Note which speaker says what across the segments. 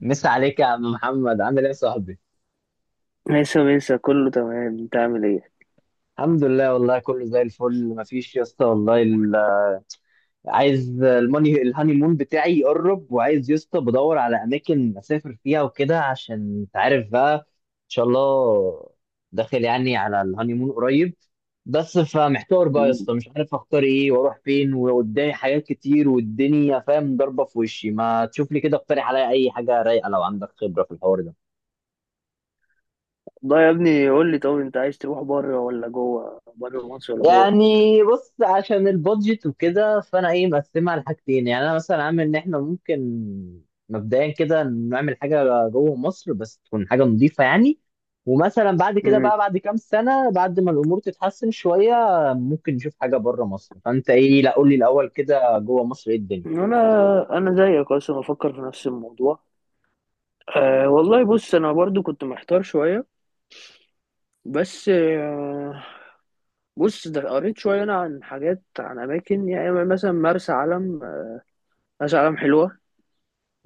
Speaker 1: مسا عليك يا عم محمد، عامل ايه يا صاحبي؟
Speaker 2: ماشي ماشي كله تمام، انت عامل ايه؟
Speaker 1: الحمد لله والله، كله زي الفل، مفيش يا اسطى. عايز الماني، الهاني مون بتاعي يقرب، وعايز يا اسطى بدور على اماكن اسافر فيها وكده، عشان انت عارف بقى ان شاء الله داخل يعني على الهاني مون قريب. بس فمحتار بقى يا اسطى،
Speaker 2: مم.
Speaker 1: مش عارف اختار ايه واروح فين، وقدامي حاجات كتير والدنيا فاهم ضربه في وشي. ما تشوف لي كده، اقترح عليا اي حاجه رايقه لو عندك خبره في الحوار ده.
Speaker 2: ده يا ابني قول لي، طب انت عايز تروح بره ولا جوه، بره مصر ولا جوه
Speaker 1: يعني
Speaker 2: مصر؟
Speaker 1: بص، عشان البادجت وكده فانا ايه مقسمها على حاجتين. يعني انا مثلا عامل ان احنا ممكن مبدئيا كده نعمل حاجه جوه مصر، بس تكون حاجه نظيفه يعني. ومثلا بعد كده
Speaker 2: مم.
Speaker 1: بقى، بعد كام سنه بعد ما الامور تتحسن شويه، ممكن نشوف حاجه بره مصر. فانت ايه؟ لا قول لي الاول كده، جوه مصر ايه الدنيا؟
Speaker 2: انا انا زيك اصلا بفكر في نفس الموضوع. أه والله بص، انا برضو كنت محتار شويه، بس أه بص، ده قريت شويه انا عن حاجات، عن اماكن، يعني مثلا مرسى علم. مرسى علم حلوه،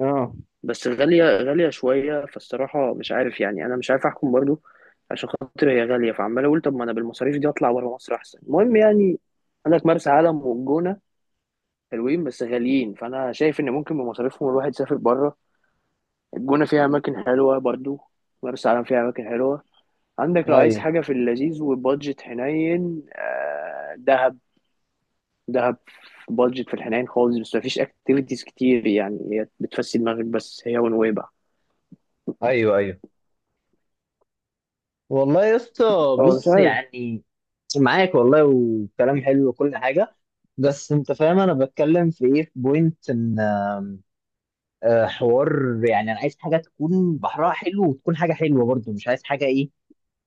Speaker 1: اه،
Speaker 2: بس غالية غالية شوية، فالصراحة مش عارف، يعني أنا مش عارف أحكم برضو، عشان خاطر هي غالية فعمال أقول طب ما أنا بالمصاريف دي أطلع بره مصر أحسن، المهم يعني. عندك مرسى علم والجونة، حلوين بس غاليين، فأنا شايف إن ممكن بمصاريفهم الواحد يسافر بره. الجونة فيها أماكن حلوة برضو، مرسى علم فيها أماكن حلوة. عندك لو عايز
Speaker 1: ايوه
Speaker 2: حاجة في اللذيذ وبادجت حنين، دهب. دهب بادجت في الحنين خالص، بس مفيش اكتيفيتيز كتير، يعني هي بتفسي دماغك بس، هي ونويبع.
Speaker 1: ايوه، ايوه والله يا اسطى.
Speaker 2: اه مش
Speaker 1: بص يعني، معاك والله، وكلام حلو وكل حاجه. بس انت فاهم انا بتكلم في ايه، في بوينت ان حوار يعني انا عايز حاجه تكون بحرها حلو، وتكون حاجه حلوه برضو، مش عايز حاجه ايه،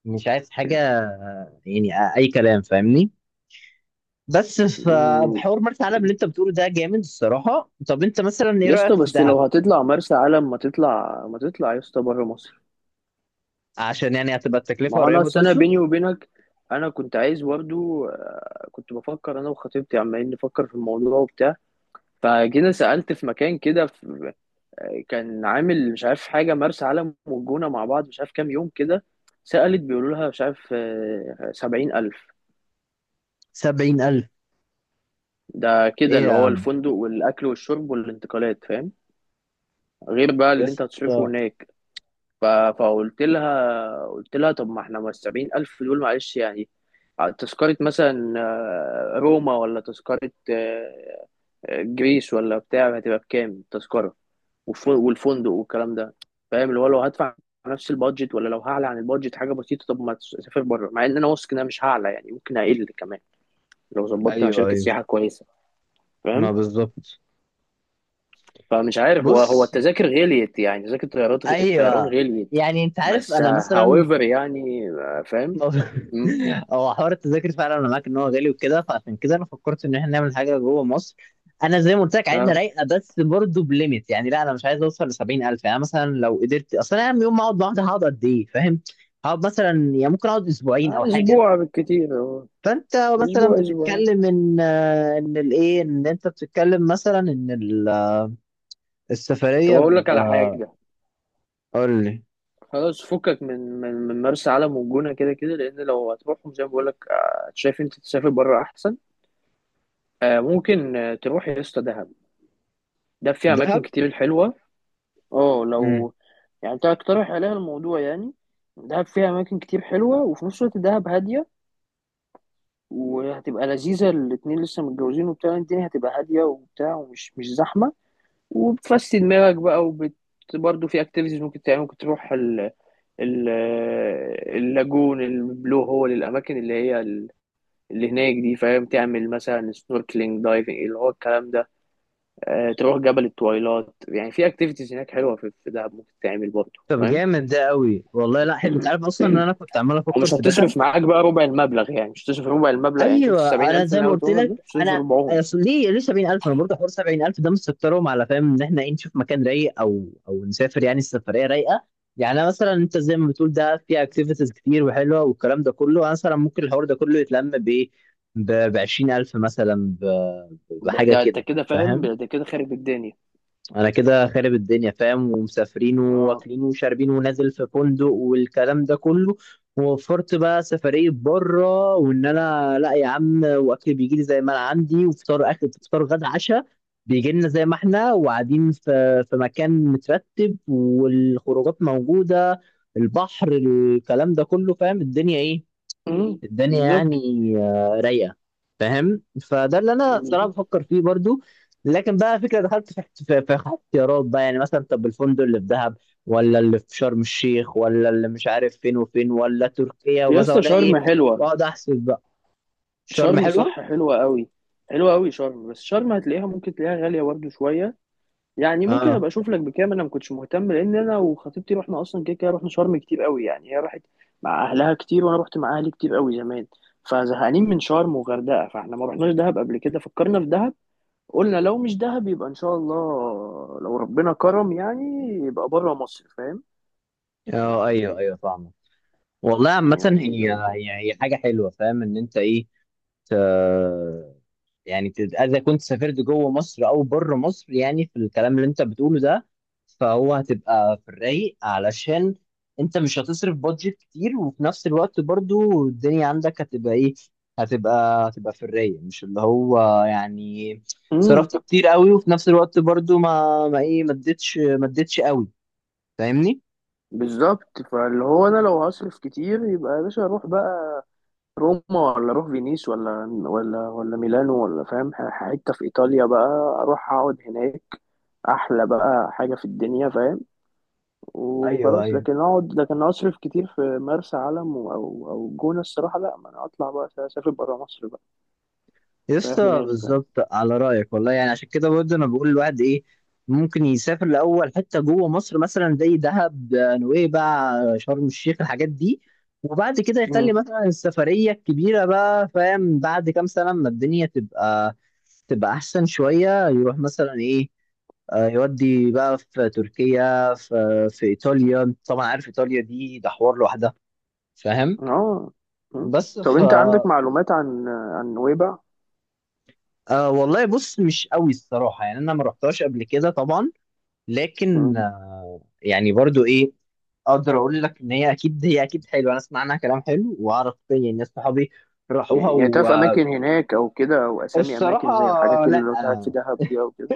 Speaker 1: مش عايز حاجه يعني اي كلام، فاهمني. بس
Speaker 2: عارف
Speaker 1: فبحوار مرسى علم اللي انت بتقوله ده جامد الصراحه. طب انت مثلا ايه
Speaker 2: يا
Speaker 1: رايك
Speaker 2: اسطى،
Speaker 1: في
Speaker 2: بس
Speaker 1: دهب؟
Speaker 2: لو هتطلع مرسى علم ما تطلع، يا اسطى بره مصر.
Speaker 1: عشان يعني هتبقى
Speaker 2: ما
Speaker 1: التكلفه
Speaker 2: هو انا
Speaker 1: قريبه،
Speaker 2: أصل، انا
Speaker 1: توصل
Speaker 2: بيني وبينك، انا كنت عايز برضه، كنت بفكر انا وخطيبتي عمالين نفكر في الموضوع وبتاع، فجينا سألت في مكان كده في- كان عامل مش عارف حاجه مرسى علم والجونه مع بعض مش عارف كام يوم كده. سألت بيقولوا لها مش عارف، 70,000.
Speaker 1: 70,000.
Speaker 2: ده كده
Speaker 1: ايه
Speaker 2: اللي
Speaker 1: يا
Speaker 2: هو
Speaker 1: عم،
Speaker 2: الفندق والأكل والشرب والانتقالات، فاهم؟ غير بقى
Speaker 1: يا
Speaker 2: اللي انت هتصرفه
Speaker 1: اسطى.
Speaker 2: هناك. ف- فقلت لها، قلت لها طب ما احنا، ما ال70,000 دول معلش يعني تذكرة مثلا، روما، ولا تذكرة جريس، ولا بتاع، هتبقى بكام التذكرة والفندق والكلام ده، فاهم؟ اللي هو لو هدفع نفس البادجت، ولا لو هعلى عن البادجت حاجة بسيطة طب ما تسافر بره، مع ان انا واثق ان انا مش هعلى يعني، ممكن اقل كمان لو ظبطت مع
Speaker 1: ايوه
Speaker 2: شركة
Speaker 1: ايوه،
Speaker 2: سياحة كويسة،
Speaker 1: ما
Speaker 2: فاهم؟
Speaker 1: بالظبط.
Speaker 2: فمش عارف، هو هو
Speaker 1: بص،
Speaker 2: التذاكر غليت، يعني تذاكر الطيارات، الطيران
Speaker 1: ايوه،
Speaker 2: غليت.
Speaker 1: يعني انت عارف
Speaker 2: بس
Speaker 1: انا مثلا،
Speaker 2: هاويفر يعني، فاهم. مم.
Speaker 1: هو حوار التذاكر فعلا انا معاك ان هو غالي وكده، فعشان كده انا فكرت ان احنا نعمل حاجه جوه مصر. انا زي ما قلت لك عايزها
Speaker 2: اه،
Speaker 1: رايقه، بس برضه بليميت. يعني لا، انا مش عايز اوصل ل 70,000. يعني مثلا لو قدرت اصل، انا يوم ما اقعد لوحدي هقعد قد ايه، فاهم؟ هقعد مثلا يعني ممكن اقعد اسبوعين او حاجه.
Speaker 2: اسبوع بالكتير أهو.
Speaker 1: فانت مثلا
Speaker 2: اسبوع.
Speaker 1: بتتكلم ان ان الايه، ان انت بتتكلم مثلا ان
Speaker 2: طب
Speaker 1: السفريه
Speaker 2: اقول لك على حاجه،
Speaker 1: قول لي.
Speaker 2: خلاص فكك من مرسى علم والجونه، كده كده لان لو هتروحهم زي ما بقول لك، شايف انت تسافر بره احسن. آه ممكن، تروح يا اسطى دهب، ده فيها اماكن
Speaker 1: دهب.
Speaker 2: كتير حلوه. اه لو يعني انت هتقترح عليها الموضوع يعني. دهب فيها اماكن كتير حلوه، وفي نفس الوقت دهب هاديه، وهتبقى لذيذه، الاتنين لسه متجوزين وبتاع، الدنيا هتبقى هاديه وبتاع، ومش مش زحمه، وبتفسي دماغك بقى، برضه في اكتيفيتيز ممكن تعمل، ممكن تروح ال... اللاجون، البلو هول، الاماكن اللي هي اللي هناك دي، فاهم؟ تعمل مثلا سنوركلينج، دايفنج، اللي هو الكلام ده. تروح جبل التويلات، يعني في اكتيفيتيز هناك حلوه في في دهب ممكن تعمل برضه،
Speaker 1: طب
Speaker 2: فاهم؟
Speaker 1: جامد ده قوي والله، لا حلو. انت عارف اصلا ان انا كنت عمال افكر
Speaker 2: ومش
Speaker 1: في دهب.
Speaker 2: هتصرف معاك بقى ربع المبلغ، يعني مش هتصرف ربع المبلغ، يعني شفت
Speaker 1: ايوه،
Speaker 2: السبعين
Speaker 1: انا
Speaker 2: ألف
Speaker 1: زي
Speaker 2: اللي
Speaker 1: ما
Speaker 2: أنا
Speaker 1: قلت
Speaker 2: قلتهم لك دول؟
Speaker 1: لك
Speaker 2: مش هتصرف
Speaker 1: انا
Speaker 2: ربعهم.
Speaker 1: أصل، ليه 70,000. انا برضه حوار 70,000 ده مستكترهم، على فاهم ان احنا ايه، نشوف مكان رايق او نسافر، يعني السفريه رايقه. يعني أنا مثلا انت زي ما بتقول ده فيها اكتيفيتيز كتير وحلوه والكلام ده كله، انا مثلا ممكن الحوار ده كله يتلم بايه، ب 20,000 مثلا، ب-
Speaker 2: ده
Speaker 1: بحاجه
Speaker 2: ده أنت
Speaker 1: كده،
Speaker 2: كده فاهم،
Speaker 1: فاهم؟
Speaker 2: ده كده خارب الدنيا.
Speaker 1: انا كده خارب الدنيا فاهم، ومسافرين
Speaker 2: اه.
Speaker 1: واكلين وشاربين ونازل في فندق والكلام ده كله، ووفرت بقى سفرية بره. وان انا لا يا عم، واكل بيجي لي زي ما انا عندي، وفطار، اكل فطار غدا عشاء بيجي لنا زي ما احنا، وقاعدين في في مكان مترتب، والخروجات موجودة، البحر، الكلام ده كله، فاهم الدنيا ايه.
Speaker 2: أمم،
Speaker 1: الدنيا يعني
Speaker 2: بالظبط.
Speaker 1: رايقه، فاهم. فده اللي انا صراحه
Speaker 2: بالظبط
Speaker 1: بفكر فيه برضو. لكن بقى فكره دخلت في في اختيارات بقى. يعني مثلا طب الفندق اللي في دهب، ولا اللي في شرم الشيخ، ولا اللي مش عارف فين وفين، ولا تركيا
Speaker 2: يا
Speaker 1: ومثلا،
Speaker 2: اسطى،
Speaker 1: ولا
Speaker 2: شرم
Speaker 1: ايه؟
Speaker 2: حلوة.
Speaker 1: واقعد احسب بقى. شرم
Speaker 2: شرم صح
Speaker 1: حلوه.
Speaker 2: حلوة قوي، حلوة قوي شرم، بس شرم هتلاقيها، ممكن تلاقيها غالية برضه شوية، يعني ممكن
Speaker 1: اه،
Speaker 2: ابقى اشوف لك بكام، انا ما كنتش مهتم لان انا وخطيبتي رحنا اصلا كده كده، رحنا شرم كتير قوي، يعني هي راحت مع اهلها كتير وانا رحت مع اهلي كتير قوي زمان، فزهقانين من شرم وغردقة، فاحنا ما رحناش دهب قبل كده، فكرنا في دهب. قلنا لو مش دهب يبقى ان شاء الله، لو ربنا كرم يعني، يبقى بره مصر، فاهم
Speaker 1: اه، ايوه
Speaker 2: يعني؟
Speaker 1: ايوه فاهمه. والله عامه،
Speaker 2: يعني
Speaker 1: هي
Speaker 2: لو
Speaker 1: هي حاجه حلوه، فاهم ان انت ايه. ت- يعني اذا كنت سافرت جوه مصر او بره مصر، يعني في الكلام اللي انت بتقوله ده، فهو هتبقى في الرايق، علشان انت مش هتصرف بادجت كتير، وفي نفس الوقت برضو الدنيا عندك هتبقى ايه، هتبقى في الرايق، مش اللي هو يعني
Speaker 2: امم،
Speaker 1: صرفت كتير قوي، وفي نفس الوقت برضو ما ايه، ما اديتش ما اديتش قوي، فاهمني.
Speaker 2: بالظبط. فاللي هو انا لو هصرف كتير يبقى يا باشا اروح بقى روما، ولا اروح فينيس، ولا ولا ولا ميلانو، ولا فاهم، حته في ايطاليا بقى، اروح اقعد هناك، احلى بقى حاجه في الدنيا، فاهم؟
Speaker 1: ايوه
Speaker 2: وخلاص.
Speaker 1: ايوه،
Speaker 2: لكن اقعد، لكن اصرف كتير في مرسى علم او او الجونه، الصراحه لا، ما انا اطلع بقى اسافر بره مصر بقى، اريح
Speaker 1: يسطا
Speaker 2: دماغي، فاهم؟
Speaker 1: بالظبط على رأيك والله. يعني عشان كده برضه أنا بقول الواحد إيه، ممكن يسافر لأول حتة جوه مصر، مثلا زي دهب، نويبع، شرم الشيخ، الحاجات دي. وبعد كده
Speaker 2: مم.
Speaker 1: يخلي مثلا السفرية الكبيرة بقى، فاهم، بعد كام سنة ما الدنيا تبقى، تبقى أحسن شوية، يروح مثلا إيه، يودي بقى في تركيا، في في إيطاليا. طبعا عارف إيطاليا دي، ده حوار لوحدها، فاهم.
Speaker 2: اه. مم.
Speaker 1: بس
Speaker 2: طب
Speaker 1: ف
Speaker 2: انت عندك معلومات عن عن نويبع؟
Speaker 1: والله بص، مش قوي الصراحة، يعني أنا ما رحتهاش قبل كده طبعا. لكن
Speaker 2: مم.
Speaker 1: يعني برضو إيه، أقدر أقول لك إن هي أكيد، هي أكيد حلوة، أنا أسمع عنها كلام حلو، وأعرف يعني ناس صحابي راحوها.
Speaker 2: يعني يعني تعرف اماكن هناك او كده، او اسامي اماكن زي
Speaker 1: والصراحة
Speaker 2: الحاجات اللي
Speaker 1: لا،
Speaker 2: لو قاعد في دهب دي او كده؟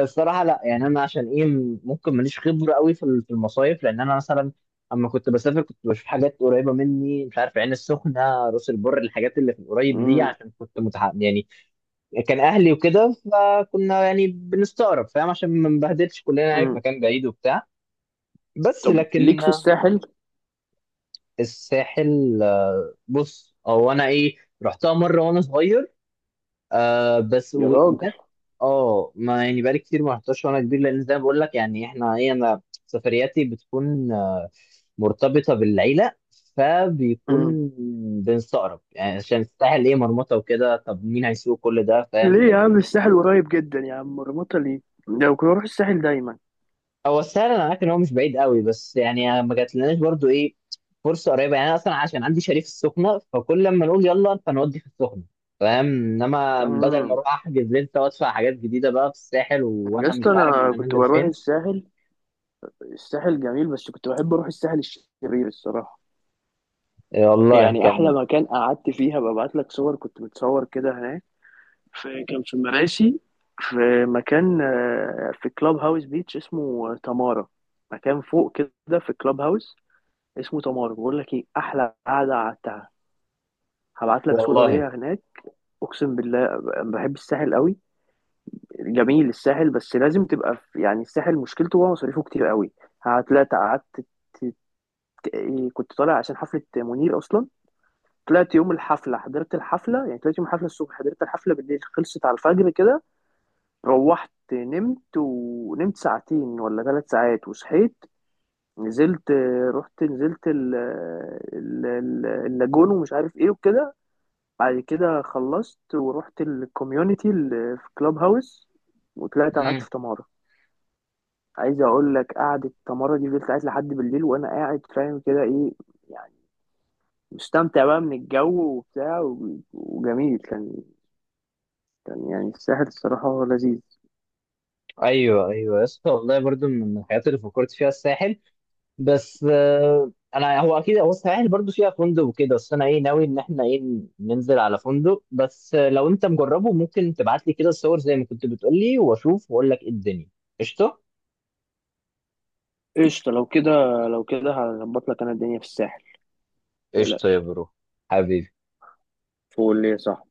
Speaker 1: الصراحة لا. يعني أنا عشان إيه، ممكن ماليش خبرة قوي في في المصايف، لأن أنا مثلا أما كنت بسافر، كنت بشوف حاجات قريبة مني، مش عارف عين السخنة، راس البر، الحاجات اللي في القريب دي،
Speaker 2: مم.
Speaker 1: عشان كنت متحمس يعني، كان اهلي وكده، فكنا يعني بنستقرب فاهم، عشان ما نبهدلش كلنا يعني في
Speaker 2: مم.
Speaker 1: مكان بعيد وبتاع. بس
Speaker 2: طب ليك
Speaker 1: لكن
Speaker 2: في الساحل؟
Speaker 1: الساحل، بص، او انا ايه، رحتها مره وانا صغير، آه بس
Speaker 2: يا راجل.
Speaker 1: وكانت، اه. ما يعني بقالي كتير ما رحتهاش وانا كبير، لان زي ما بقول لك يعني احنا ايه، انا سفرياتي بتكون مرتبطه بالعيله،
Speaker 2: مم.
Speaker 1: فبيكون بنستقرب يعني، عشان الساحل ايه، مرمطه وكده، طب مين هيسوق كل ده فاهم.
Speaker 2: ليه يا
Speaker 1: طب
Speaker 2: عم؟ الساحل قريب جدا يا عم، مرمطة ليه؟ لو كنت بروح الساحل دايما.
Speaker 1: هو سهل، انا عارف ان هو مش بعيد قوي، بس يعني ما جاتلناش برضو ايه فرصه قريبه. يعني انا اصلا عشان عندي شاليه في السخنه، فكل لما نقول يلا فنودي في السخنه، فاهم. انما بدل ما
Speaker 2: مم.
Speaker 1: اروح احجز لسه وادفع حاجات جديده بقى في الساحل،
Speaker 2: يا
Speaker 1: وانا مش
Speaker 2: اسطى
Speaker 1: عارف
Speaker 2: انا
Speaker 1: انا
Speaker 2: كنت
Speaker 1: نازل
Speaker 2: بروح
Speaker 1: فين.
Speaker 2: الساحل، الساحل جميل، بس كنت بحب اروح الساحل الشرير الصراحة،
Speaker 1: إيه والله،
Speaker 2: يعني احلى
Speaker 1: كان
Speaker 2: مكان قعدت فيها، ببعت لك صور كنت متصور كده هناك، في كان في مراسي، في مكان، في كلاب هاوس بيتش اسمه تمارا، مكان فوق كده، في كلاب هاوس اسمه تمارا، بقول لك ايه احلى قعدة قعدتها، هبعت لك صورة
Speaker 1: والله.
Speaker 2: ليا هناك، اقسم بالله. بحب الساحل قوي، جميل الساحل، بس لازم تبقى في، يعني الساحل مشكلته هو مصاريفه كتير قوي. هتلاقي قعدت ت- إيه، كنت طالع عشان حفلة منير اصلا، طلعت يوم الحفلة، حضرت الحفلة، يعني طلعت يوم الحفلة الصبح، حضرت الحفلة بالليل، خلصت على الفجر كده، روحت نمت، ونمت ساعتين ولا 3 ساعات وصحيت، نزلت، رحت نزلت ال- ال- ال- اللاجون ومش عارف ايه وكده، بعد كده خلصت ورحت الكوميونتي اللي في كلاب هاوس، وطلعت قعدت
Speaker 1: امم،
Speaker 2: في تمارا. عايز اقول لك، قعدة تمارا دي فضلت قاعد لحد بالليل وانا قاعد فاهم كده، ايه يعني، مستمتع بقى من الجو وبتاع، وجميل كان، كان يعني الساحل الصراحة هو لذيذ.
Speaker 1: ايوه ايوه يا اسطى والله، برضو من الحاجات اللي فكرت فيها الساحل. بس انا هو اكيد، هو السواحل برضو فيها فندق وكده، بس انا ايه ناوي ان احنا ايه، ننزل على فندق بس. لو انت مجربه، ممكن تبعت لي كده الصور زي ما كنت بتقول لي، واشوف واقول لك ايه الدنيا. قشطه،
Speaker 2: قشطة لو كده، لو كده هظبط لك انا الدنيا في الساحل،
Speaker 1: قشطه يا
Speaker 2: متقلقش،
Speaker 1: برو، حبيبي.
Speaker 2: فول ليه صح.